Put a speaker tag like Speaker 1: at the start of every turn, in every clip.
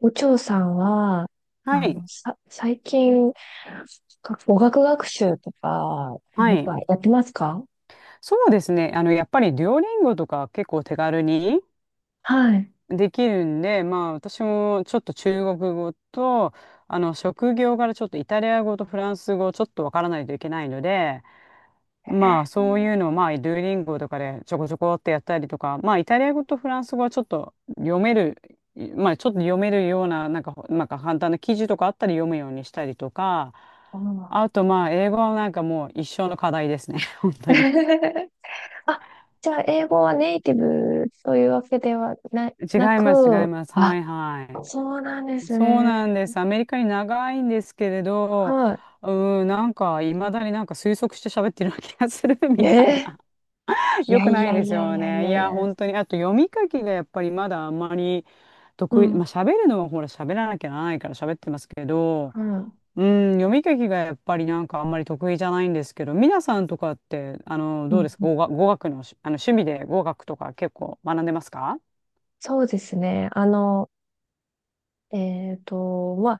Speaker 1: お嬢さんは、
Speaker 2: はい。
Speaker 1: 最近、語学学習とか、
Speaker 2: は
Speaker 1: なん
Speaker 2: い。
Speaker 1: かやってますか？
Speaker 2: そうですね。あの、やっぱりデュオリンゴとか結構手軽に
Speaker 1: はい。
Speaker 2: できるんで、まあ私もちょっと中国語と、あの、職業からちょっとイタリア語とフランス語ちょっとわからないといけないので、まあそういうのをまあデュオリンゴとかでちょこちょこってやったりとか、まあイタリア語とフランス語はちょっと読める、まあちょっと読めるような、なんか、なんか簡単な記事とかあったり読むようにしたりとか、
Speaker 1: あ
Speaker 2: あとまあ英語はなんかもう一生の課題ですね。本
Speaker 1: ー
Speaker 2: 当に。
Speaker 1: あ、じゃあ、英語はネイティブというわけではな、
Speaker 2: 違
Speaker 1: な
Speaker 2: います、違い
Speaker 1: く、
Speaker 2: ます。は
Speaker 1: あ、
Speaker 2: いは
Speaker 1: そうなんで
Speaker 2: い。
Speaker 1: す
Speaker 2: そう
Speaker 1: ね。
Speaker 2: なんです。アメリカに長いんですけれど、
Speaker 1: は
Speaker 2: うーん、なんか、いまだになんか推測して喋ってるような気がする
Speaker 1: い。
Speaker 2: みたいな。
Speaker 1: い
Speaker 2: よ
Speaker 1: や
Speaker 2: く
Speaker 1: い
Speaker 2: ない
Speaker 1: や
Speaker 2: で
Speaker 1: い
Speaker 2: す
Speaker 1: やい
Speaker 2: よ
Speaker 1: やい
Speaker 2: ね。い
Speaker 1: やい
Speaker 2: や、
Speaker 1: や。
Speaker 2: 本当に。あと、読み書きがやっぱりまだあんまり
Speaker 1: う
Speaker 2: 得
Speaker 1: ん、
Speaker 2: 意。
Speaker 1: う
Speaker 2: まあ、
Speaker 1: ん、
Speaker 2: 喋るのはほら、喋らなきゃならないから喋ってますけど、
Speaker 1: うん
Speaker 2: うん、読み書きがやっぱりなんかあんまり得意じゃないんですけど、皆さんとかって、あの、
Speaker 1: う
Speaker 2: どう
Speaker 1: ん。
Speaker 2: ですか？語学、語学のし、あの、趣味で語学とか結構学んでますか？
Speaker 1: そうですね。まあ、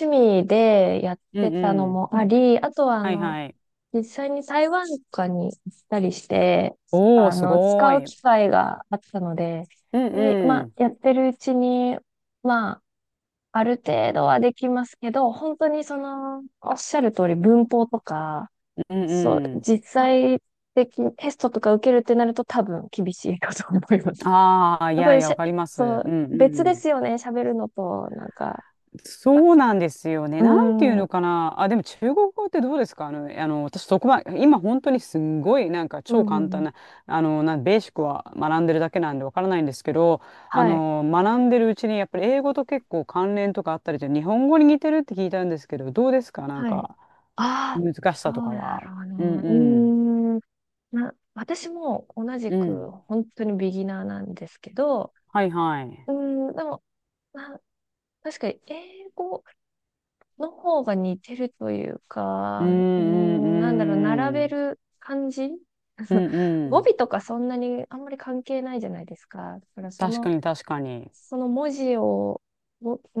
Speaker 1: 趣味でやっ
Speaker 2: う
Speaker 1: て
Speaker 2: ん
Speaker 1: たの
Speaker 2: うん。
Speaker 1: もあり、あとは、
Speaker 2: はいはい。
Speaker 1: 実際に台湾とかに行ったりして、
Speaker 2: おお、すご
Speaker 1: 使う
Speaker 2: い。うん
Speaker 1: 機会があったので、
Speaker 2: う
Speaker 1: で、まあ、
Speaker 2: ん。
Speaker 1: やってるうちに、まあ、ある程度はできますけど、本当におっしゃる通り文法とか、
Speaker 2: うん
Speaker 1: そう、
Speaker 2: うん。
Speaker 1: 実際的にテストとか受けるってなると多分厳しいかと思います。
Speaker 2: ああ、い
Speaker 1: やっぱ
Speaker 2: やい
Speaker 1: り
Speaker 2: や、わかります。う
Speaker 1: そ
Speaker 2: ん
Speaker 1: う、別で
Speaker 2: うん。
Speaker 1: すよね、喋るのと、なんか、ま
Speaker 2: そう
Speaker 1: あ
Speaker 2: なんですよね。
Speaker 1: うー
Speaker 2: なんていう
Speaker 1: ん、う
Speaker 2: の
Speaker 1: ん、
Speaker 2: かな。あ、でも中国語ってどうですか？あの、あの、私そこまで、今本当にすんごいなんか
Speaker 1: う
Speaker 2: 超簡
Speaker 1: んう
Speaker 2: 単
Speaker 1: ん、
Speaker 2: な、あの、ベーシックは学んでるだけなんでわからないんですけど、あ
Speaker 1: はい。
Speaker 2: の、学んでるうちにやっぱり英語と結構関連とかあったりで、日本語に似てるって聞いたんですけど、どうですか、なん
Speaker 1: はい。
Speaker 2: か、
Speaker 1: ああ、
Speaker 2: 難し
Speaker 1: そ
Speaker 2: さと
Speaker 1: う
Speaker 2: か
Speaker 1: だ
Speaker 2: は。
Speaker 1: ろう
Speaker 2: うん
Speaker 1: ね。
Speaker 2: うん。
Speaker 1: うーん。私も同じ
Speaker 2: う
Speaker 1: く
Speaker 2: ん。
Speaker 1: 本当にビギナーなんですけど、
Speaker 2: はいはい。
Speaker 1: うーん、でも、な、確かに英語の方が似てるという
Speaker 2: うん
Speaker 1: か、うー
Speaker 2: う
Speaker 1: ん、なんだろう、並
Speaker 2: んう
Speaker 1: べ
Speaker 2: ん。
Speaker 1: る感じ
Speaker 2: う んう
Speaker 1: 語尾
Speaker 2: ん。
Speaker 1: とかそんなにあんまり関係ないじゃないですか。だからそ
Speaker 2: 確か
Speaker 1: の
Speaker 2: に確かに。
Speaker 1: その文字を、をうー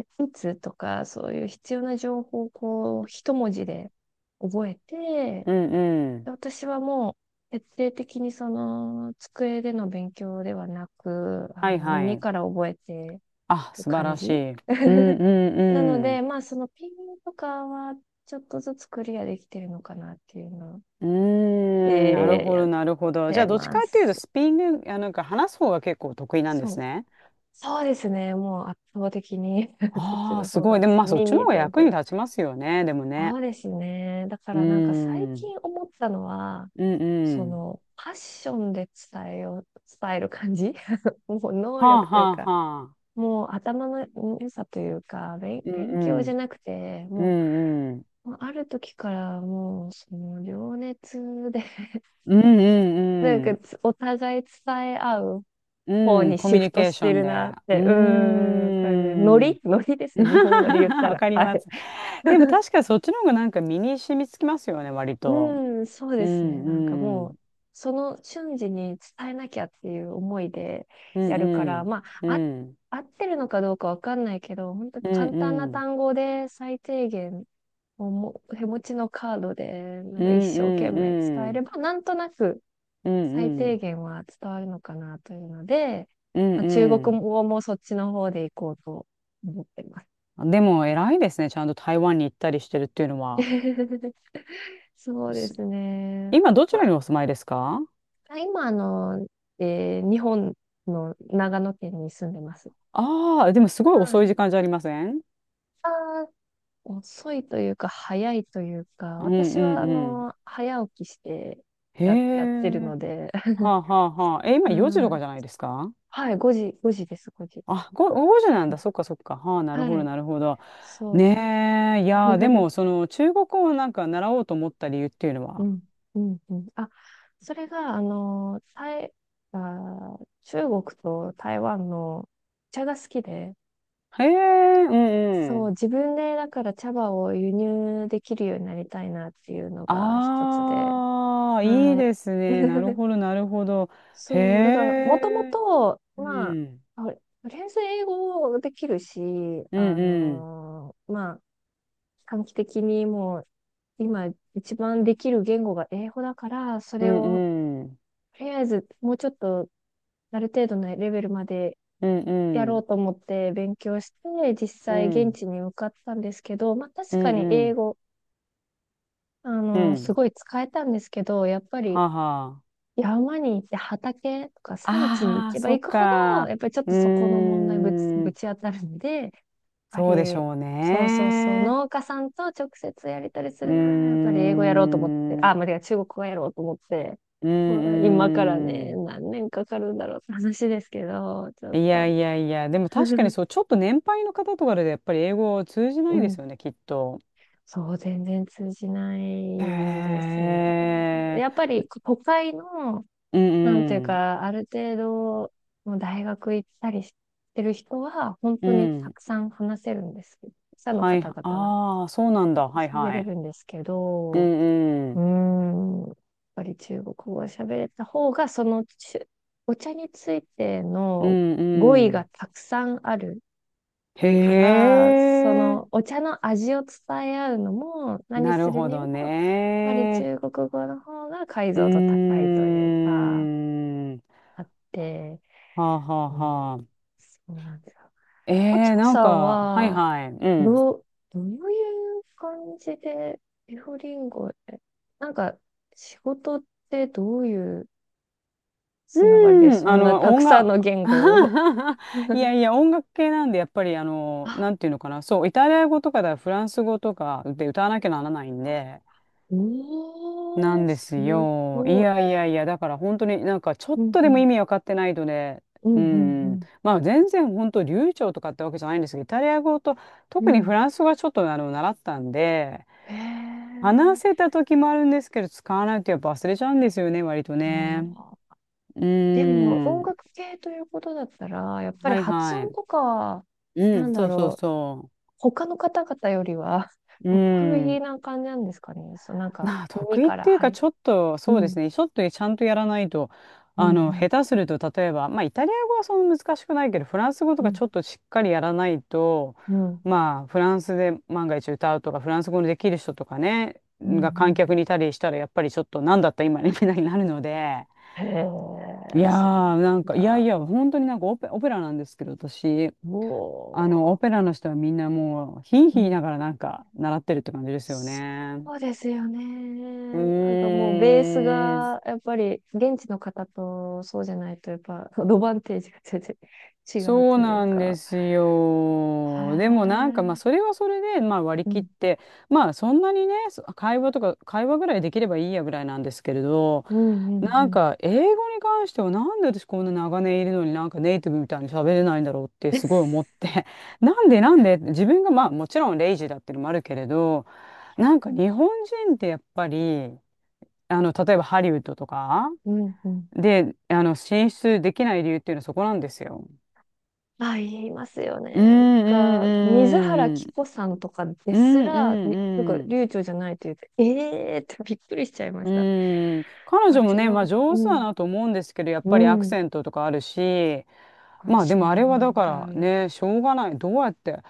Speaker 1: ん、打つとか、そういう必要な情報をこう、一文字で覚えて、
Speaker 2: うんうん。
Speaker 1: 私はもう、徹底的に机での勉強ではなく、
Speaker 2: はいは
Speaker 1: 耳
Speaker 2: い。
Speaker 1: から覚えて
Speaker 2: あ、
Speaker 1: る
Speaker 2: 素晴
Speaker 1: 感
Speaker 2: らし
Speaker 1: じ
Speaker 2: い。うんう
Speaker 1: なの
Speaker 2: んう
Speaker 1: で、
Speaker 2: ん。
Speaker 1: まあ、そのピンとかは、ちょっとずつクリアできてるのかなっていうの
Speaker 2: うーん、なる
Speaker 1: で、
Speaker 2: ほ
Speaker 1: やっ
Speaker 2: どなるほど。じゃあ
Speaker 1: て
Speaker 2: どっちか
Speaker 1: ま
Speaker 2: っていうと
Speaker 1: す。
Speaker 2: スピーキング、あ、なんか話す方が結構得意なんで
Speaker 1: そ
Speaker 2: す
Speaker 1: う。
Speaker 2: ね。
Speaker 1: そうですね。もう圧倒的に そっち
Speaker 2: ああ、
Speaker 1: の
Speaker 2: す
Speaker 1: 方
Speaker 2: ご
Speaker 1: が
Speaker 2: い。
Speaker 1: 好
Speaker 2: でもま
Speaker 1: き。
Speaker 2: あそっちの
Speaker 1: 耳
Speaker 2: 方が
Speaker 1: で
Speaker 2: 役
Speaker 1: 覚え
Speaker 2: に立ちますよね。でもね。
Speaker 1: そうですね。だか
Speaker 2: うー
Speaker 1: らなんか最
Speaker 2: ん。
Speaker 1: 近思ったのは、
Speaker 2: うんうん。
Speaker 1: パッションで伝えよう、伝える感じ もう能
Speaker 2: はあ
Speaker 1: 力とい
Speaker 2: は
Speaker 1: う
Speaker 2: あ
Speaker 1: か、
Speaker 2: はあ。
Speaker 1: もう頭の良さというか、
Speaker 2: うん
Speaker 1: 勉強じ
Speaker 2: う
Speaker 1: ゃ
Speaker 2: ん。
Speaker 1: なくて、
Speaker 2: う
Speaker 1: も
Speaker 2: んうん。
Speaker 1: う、もうある時からもう、情熱で
Speaker 2: うん
Speaker 1: なん
Speaker 2: う
Speaker 1: か
Speaker 2: ん。
Speaker 1: お互い伝え合う方
Speaker 2: うん、
Speaker 1: に
Speaker 2: コ
Speaker 1: シ
Speaker 2: ミュ
Speaker 1: フ
Speaker 2: ニ
Speaker 1: ト
Speaker 2: ケー
Speaker 1: し
Speaker 2: ショ
Speaker 1: て
Speaker 2: ン
Speaker 1: る
Speaker 2: で。
Speaker 1: なっ
Speaker 2: う
Speaker 1: て、感じ。ノ
Speaker 2: ーん。
Speaker 1: リノリですね。日本語で言っ た
Speaker 2: わ
Speaker 1: ら。
Speaker 2: かり
Speaker 1: は
Speaker 2: ま
Speaker 1: い。
Speaker 2: す。でも確かにそっちの方がなんか身に染みつきますよね、割と。
Speaker 1: うん、そう
Speaker 2: う
Speaker 1: ですね。なんか
Speaker 2: ん、う
Speaker 1: も
Speaker 2: ん。
Speaker 1: う、その瞬時に伝えなきゃっていう思いで
Speaker 2: う
Speaker 1: や
Speaker 2: ん
Speaker 1: るか
Speaker 2: う
Speaker 1: ら、
Speaker 2: ん。
Speaker 1: ま
Speaker 2: う
Speaker 1: あ、あ、
Speaker 2: ん。
Speaker 1: 合ってるのかどうかわかんないけど、本当
Speaker 2: うん
Speaker 1: 簡単な
Speaker 2: うん。
Speaker 1: 単語で最低限をも、手持ちのカードで、なん
Speaker 2: う
Speaker 1: か一
Speaker 2: んう
Speaker 1: 生懸命伝
Speaker 2: んう
Speaker 1: えれ
Speaker 2: ん。
Speaker 1: ば、なんとなく
Speaker 2: う
Speaker 1: 最
Speaker 2: んう
Speaker 1: 低
Speaker 2: ん。
Speaker 1: 限は伝わるのかなというので、
Speaker 2: う
Speaker 1: まあ、中国
Speaker 2: ん
Speaker 1: 語もそっちの方で行こうと思ってます。
Speaker 2: うん。でも偉いですね。ちゃんと台湾に行ったりしてるっていうのは。
Speaker 1: そうで
Speaker 2: す
Speaker 1: すね。
Speaker 2: 今どちらにお住まいですか？
Speaker 1: あ今、日本の長野県に住んでます。
Speaker 2: ああー、でもすごい
Speaker 1: は
Speaker 2: 遅い
Speaker 1: い。
Speaker 2: 時間じゃありません？
Speaker 1: あー遅いというか、早いというか、
Speaker 2: うん
Speaker 1: 私
Speaker 2: う
Speaker 1: は、
Speaker 2: んうん。
Speaker 1: 早起きして
Speaker 2: へ
Speaker 1: やってる
Speaker 2: え。
Speaker 1: ので、
Speaker 2: は あはあはあ。え、今
Speaker 1: う
Speaker 2: 4時とか
Speaker 1: ん。
Speaker 2: じゃないですか？
Speaker 1: はい、5時、5時です、5時。
Speaker 2: あ、ご5時なんだ。そっかそっか。はあ、なるほ
Speaker 1: は
Speaker 2: ど、
Speaker 1: い、
Speaker 2: なるほど。
Speaker 1: そ
Speaker 2: ねえ、い
Speaker 1: う。
Speaker 2: やー、でも、その、中国語をなんか習おうと思った理由っていうの
Speaker 1: う
Speaker 2: は。
Speaker 1: ん、うん、うん。あ、それが、中国と台湾のお茶が好きで、
Speaker 2: へえ、うんう
Speaker 1: そう、
Speaker 2: ん。
Speaker 1: 自分でだから茶葉を輸入できるようになりたいなっていうのが一つで。
Speaker 2: ああ、いい
Speaker 1: はい。
Speaker 2: ですね。なる ほど、なるほど。へ
Speaker 1: そう、だから、もとも
Speaker 2: え、
Speaker 1: と、
Speaker 2: う
Speaker 1: まあ、
Speaker 2: ん、
Speaker 1: あとりあえず英語できるし、
Speaker 2: うんうん、
Speaker 1: まあ、短期的にもう、今一番できる言語が英語だから、そ
Speaker 2: う
Speaker 1: れを、
Speaker 2: んうん、
Speaker 1: とりあえずもうちょっと、ある程度のレベルまで
Speaker 2: うん
Speaker 1: や
Speaker 2: う
Speaker 1: ろ
Speaker 2: ん、
Speaker 1: うと思って勉強して、実
Speaker 2: う
Speaker 1: 際現
Speaker 2: ん、
Speaker 1: 地に向かったんですけど、まあ
Speaker 2: う
Speaker 1: 確か
Speaker 2: ん
Speaker 1: に
Speaker 2: う
Speaker 1: 英
Speaker 2: ん、
Speaker 1: 語、
Speaker 2: う
Speaker 1: す
Speaker 2: ん。
Speaker 1: ごい使えたんですけど、やっぱ
Speaker 2: は
Speaker 1: り
Speaker 2: あは
Speaker 1: 山に行って畑とか
Speaker 2: あ。
Speaker 1: 山地に行
Speaker 2: ああ、
Speaker 1: けば
Speaker 2: そっ
Speaker 1: 行くほど、
Speaker 2: か。
Speaker 1: やっぱりちょっ
Speaker 2: う
Speaker 1: とそこの
Speaker 2: ー
Speaker 1: 問題ぶ
Speaker 2: ん。
Speaker 1: ち当たるんで、やっぱ
Speaker 2: そうでし
Speaker 1: り、
Speaker 2: ょう
Speaker 1: そうそうそう、
Speaker 2: ね。
Speaker 1: 農家さんと直接やりたりす
Speaker 2: うー
Speaker 1: るなら、やっぱり英語やろうと思って、
Speaker 2: ん。う
Speaker 1: あ、間違え、中国語やろうと思って、うわ
Speaker 2: ー
Speaker 1: 今からね、
Speaker 2: ん。
Speaker 1: 何年かかるんだろうって話ですけど、ちょ
Speaker 2: い
Speaker 1: っ
Speaker 2: や
Speaker 1: と。
Speaker 2: いやいや、でも確かに そう、ちょっと年配の方とかでやっぱり英語を通じな
Speaker 1: う
Speaker 2: いで
Speaker 1: ん。
Speaker 2: すよね、きっと。
Speaker 1: そう、全然通じない
Speaker 2: へ
Speaker 1: ですね。やっ
Speaker 2: え。
Speaker 1: ぱり都会の
Speaker 2: う
Speaker 1: なんていう
Speaker 2: ん
Speaker 1: か、ある程度、もう大学行ったりしてる人は、本
Speaker 2: うん。
Speaker 1: 当に
Speaker 2: う
Speaker 1: た
Speaker 2: ん。
Speaker 1: くさん話せるんですけど、記者の
Speaker 2: はい。
Speaker 1: 方々が
Speaker 2: ああ、そうなんだ。はい
Speaker 1: 喋
Speaker 2: は
Speaker 1: れ
Speaker 2: い。
Speaker 1: るんですけ
Speaker 2: う
Speaker 1: ど、
Speaker 2: んう
Speaker 1: うー
Speaker 2: ん。
Speaker 1: ん、やっぱり中国語を喋れた方が、その中お茶について
Speaker 2: う
Speaker 1: の
Speaker 2: ん
Speaker 1: 語彙
Speaker 2: う
Speaker 1: が
Speaker 2: ん。
Speaker 1: たくさんある
Speaker 2: へ
Speaker 1: から、そ
Speaker 2: え。
Speaker 1: のお茶の味を伝え合うのも、何
Speaker 2: な
Speaker 1: す
Speaker 2: る
Speaker 1: る
Speaker 2: ほ
Speaker 1: にも、
Speaker 2: ど
Speaker 1: やっぱり
Speaker 2: ね。
Speaker 1: 中国語の方が解
Speaker 2: う
Speaker 1: 像度高
Speaker 2: ー
Speaker 1: いというか、
Speaker 2: ん。
Speaker 1: あって、
Speaker 2: はあはあ
Speaker 1: おー
Speaker 2: は、
Speaker 1: そうなんだ。
Speaker 2: え
Speaker 1: おちょ
Speaker 2: えなん
Speaker 1: さん
Speaker 2: か、はい
Speaker 1: は、
Speaker 2: はい。うん。
Speaker 1: どう、どういう感じで、エフリンゴへ、なんか、仕事ってどういうつながりで、
Speaker 2: うん、
Speaker 1: そ
Speaker 2: あ
Speaker 1: んな
Speaker 2: の、
Speaker 1: たく
Speaker 2: 音
Speaker 1: さん
Speaker 2: 楽、
Speaker 1: の言語を
Speaker 2: い やいや、音楽系なんで、やっぱり、あの、な
Speaker 1: あ、
Speaker 2: んていうのかな、そう、イタリア語とかだ、フランス語とかで歌わなきゃならないんで、な
Speaker 1: お
Speaker 2: ん
Speaker 1: ー、
Speaker 2: です
Speaker 1: す
Speaker 2: よ。い
Speaker 1: ごい。
Speaker 2: やいやいや、だから本当になんか、ちょっ
Speaker 1: うん
Speaker 2: と
Speaker 1: う
Speaker 2: でも意
Speaker 1: ん、
Speaker 2: 味わかってないとね、
Speaker 1: うんう
Speaker 2: うん、
Speaker 1: ん
Speaker 2: まあ全然本当流暢とかってわけじゃないんですけど、イタリア語と、
Speaker 1: うん、う
Speaker 2: 特にフ
Speaker 1: ん。
Speaker 2: ランス語はちょっとあの、習ったんで、
Speaker 1: へえ。
Speaker 2: 話せた時もあるんですけど、使わないとやっぱ忘れちゃうんですよね、割と
Speaker 1: あ
Speaker 2: ね。
Speaker 1: ー
Speaker 2: う
Speaker 1: でも、
Speaker 2: ー
Speaker 1: 音
Speaker 2: ん。
Speaker 1: 楽系ということだったら、やっぱり
Speaker 2: はい
Speaker 1: 発
Speaker 2: は
Speaker 1: 音
Speaker 2: い。
Speaker 1: とか、
Speaker 2: う
Speaker 1: な
Speaker 2: ん、
Speaker 1: んだ
Speaker 2: そうそう
Speaker 1: ろう、
Speaker 2: そ
Speaker 1: 他の方々よりは
Speaker 2: う。う
Speaker 1: 得
Speaker 2: ー
Speaker 1: 意
Speaker 2: ん。
Speaker 1: な感じなんですかね。そう、なんか、
Speaker 2: まあ、
Speaker 1: 耳
Speaker 2: 得意っ
Speaker 1: から
Speaker 2: ていうか、
Speaker 1: 入る
Speaker 2: ちょっと、
Speaker 1: う
Speaker 2: そうです
Speaker 1: ん、
Speaker 2: ね。ちょっとちゃんとやらないと、
Speaker 1: う
Speaker 2: あ
Speaker 1: ん、
Speaker 2: の、
Speaker 1: う
Speaker 2: 下手すると、例えば、まあ、イタリア語はそんな難しくないけど、フランス語と
Speaker 1: ん、う
Speaker 2: か
Speaker 1: ん、
Speaker 2: ちょっとしっかりやらないと、
Speaker 1: うん、
Speaker 2: まあ、フランスで万が一歌うとか、フランス語のできる人とかね、
Speaker 1: うん。う
Speaker 2: が観客にい
Speaker 1: ん
Speaker 2: たりしたら、やっぱりちょっと、なんだった今ね、みたいになるので、
Speaker 1: へ
Speaker 2: い
Speaker 1: え、
Speaker 2: やー、
Speaker 1: そ
Speaker 2: なん
Speaker 1: う
Speaker 2: か、いや
Speaker 1: だ。
Speaker 2: いや、本当になんかオペラなんですけど、私。あの、オ
Speaker 1: も
Speaker 2: ペラの人はみんなもう、ヒーヒー
Speaker 1: う、う
Speaker 2: 言い
Speaker 1: ん、
Speaker 2: ながらなんか習ってるって感じですよね。
Speaker 1: そうですよね。
Speaker 2: う
Speaker 1: なんかもうベース
Speaker 2: ーん。
Speaker 1: が、やっぱり現地の方とそうじゃないと、やっぱアドバンテージが全然違う
Speaker 2: そう
Speaker 1: という
Speaker 2: なんで
Speaker 1: か。
Speaker 2: す
Speaker 1: へ
Speaker 2: よ。でもなんかまあ
Speaker 1: え、
Speaker 2: それはそれでまあ割り
Speaker 1: う
Speaker 2: 切っ
Speaker 1: ん、
Speaker 2: て、まあそんなにね、そ会話とか会話ぐらいできればいいやぐらいなんですけれど、
Speaker 1: うん、うん、う
Speaker 2: なん
Speaker 1: ん。
Speaker 2: か英語に関してはなんで私こんな長年いるのになんかネイティブみたいに喋れないんだろうってすごい思っ て、 なんでなんで自分がまあもちろんレイジーだっていうのもあるけれど、なんか日本人ってやっぱり、あの、例えばハリウッドとか
Speaker 1: うん、うん。
Speaker 2: で、あの、進出できない理由っていうのはそこなんですよ。
Speaker 1: まあ、言いますよね。
Speaker 2: うん
Speaker 1: なんか、水原
Speaker 2: うんう
Speaker 1: 希
Speaker 2: ん。
Speaker 1: 子さんとかで
Speaker 2: う
Speaker 1: すら、になんか、
Speaker 2: んうん
Speaker 1: 流暢じゃないって言って、ええーってびっくりしちゃいま
Speaker 2: う
Speaker 1: した。
Speaker 2: ん。うん。彼
Speaker 1: こ
Speaker 2: 女
Speaker 1: れ
Speaker 2: も
Speaker 1: 違う
Speaker 2: ね、まあ
Speaker 1: のう
Speaker 2: 上手だ
Speaker 1: ん。
Speaker 2: なと思うんですけど、やっぱりア
Speaker 1: う
Speaker 2: ク
Speaker 1: ん。
Speaker 2: セントとかあるし、
Speaker 1: あ、
Speaker 2: まあで
Speaker 1: そう
Speaker 2: もあれは
Speaker 1: な
Speaker 2: だ
Speaker 1: ん
Speaker 2: から
Speaker 1: だ。
Speaker 2: ね、しょうがない。どうやって、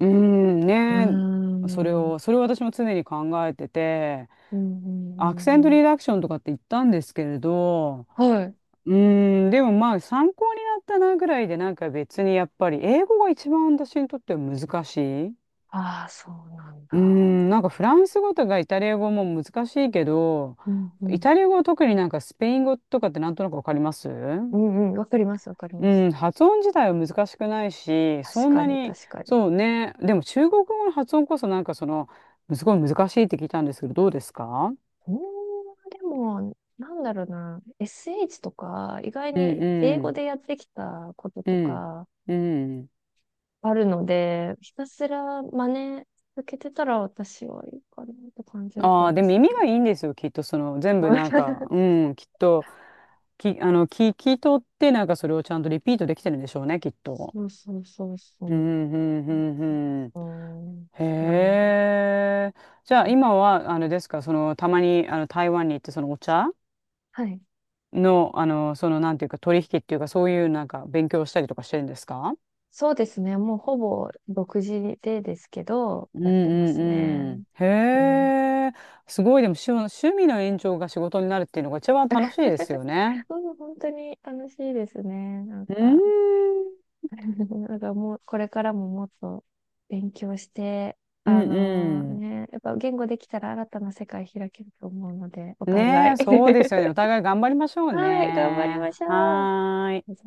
Speaker 2: うん、
Speaker 1: うー
Speaker 2: ね、それ
Speaker 1: ん。
Speaker 2: を、それを私も常に考えてて、
Speaker 1: うん、うん、
Speaker 2: アク
Speaker 1: う
Speaker 2: セント
Speaker 1: ん。うん
Speaker 2: リダクションとかって言ったんですけれど、
Speaker 1: はい。
Speaker 2: うん、でもまあ参考になったなぐらいで、なんか別にやっぱり英語が一番私にとっては難しい。
Speaker 1: ああ、そうなん
Speaker 2: うー
Speaker 1: だ。
Speaker 2: ん、なんかフランス語とかイタリア語も難しいけど、
Speaker 1: うん、う
Speaker 2: イ
Speaker 1: ん。
Speaker 2: タリア語は特になんかスペイン語とかってなんとなくわかります。
Speaker 1: うん、うん。わかります、わかります。
Speaker 2: うん、発音自体は難しくないし、
Speaker 1: 確
Speaker 2: そん
Speaker 1: か
Speaker 2: な
Speaker 1: に、
Speaker 2: に、
Speaker 1: 確かに。
Speaker 2: そうね、でも中国語の発音こそなんかその、すごい難しいって聞いたんですけど、どうですか？
Speaker 1: うーん、でも、なんだろうな。SH とか、意外
Speaker 2: う
Speaker 1: に
Speaker 2: ん
Speaker 1: 英
Speaker 2: う
Speaker 1: 語
Speaker 2: ん、
Speaker 1: でやってきたこと
Speaker 2: う
Speaker 1: と
Speaker 2: ん、
Speaker 1: か、
Speaker 2: うん。
Speaker 1: あるので、ひたすら真似続けてたら私はいいかなって感じだった
Speaker 2: あ
Speaker 1: ん
Speaker 2: あー、で
Speaker 1: で
Speaker 2: も
Speaker 1: す
Speaker 2: 耳
Speaker 1: けど。
Speaker 2: がいいんですよ、きっとその、全部なん か、うん、きっと、き、あの、聞い取ってなんかそれをちゃんとリピートできてるんでしょうね、きっと。
Speaker 1: そうそうそう
Speaker 2: う
Speaker 1: そ
Speaker 2: ん、うん、うん、うん。
Speaker 1: う。うん、
Speaker 2: へ
Speaker 1: なので。
Speaker 2: え。じゃあ今は、あのですか、その、たまに、あの、台湾に行って、そのお茶
Speaker 1: はい。
Speaker 2: の、あの、その、なんていうか、取引っていうか、そういう、なんか、勉強したりとかしてるんですか？
Speaker 1: そうですね。もうほぼ独自でですけど、
Speaker 2: うん
Speaker 1: やってますね。
Speaker 2: うんうん。
Speaker 1: う
Speaker 2: へ
Speaker 1: ん。
Speaker 2: え。すごい、でも、趣味の延長が仕事になるっていうのが一番楽しいです よね。
Speaker 1: うん本当に楽しいですね。なん
Speaker 2: うー
Speaker 1: か。
Speaker 2: ん。
Speaker 1: だからもう、これからももっと勉強して、
Speaker 2: うん
Speaker 1: やっぱ言語できたら新たな世界開けると思うので、お
Speaker 2: うん。ね
Speaker 1: 互い。
Speaker 2: え、そうで すよね。お互い頑張りましょう
Speaker 1: はい、頑張りま
Speaker 2: ね。
Speaker 1: しょう。
Speaker 2: はーい。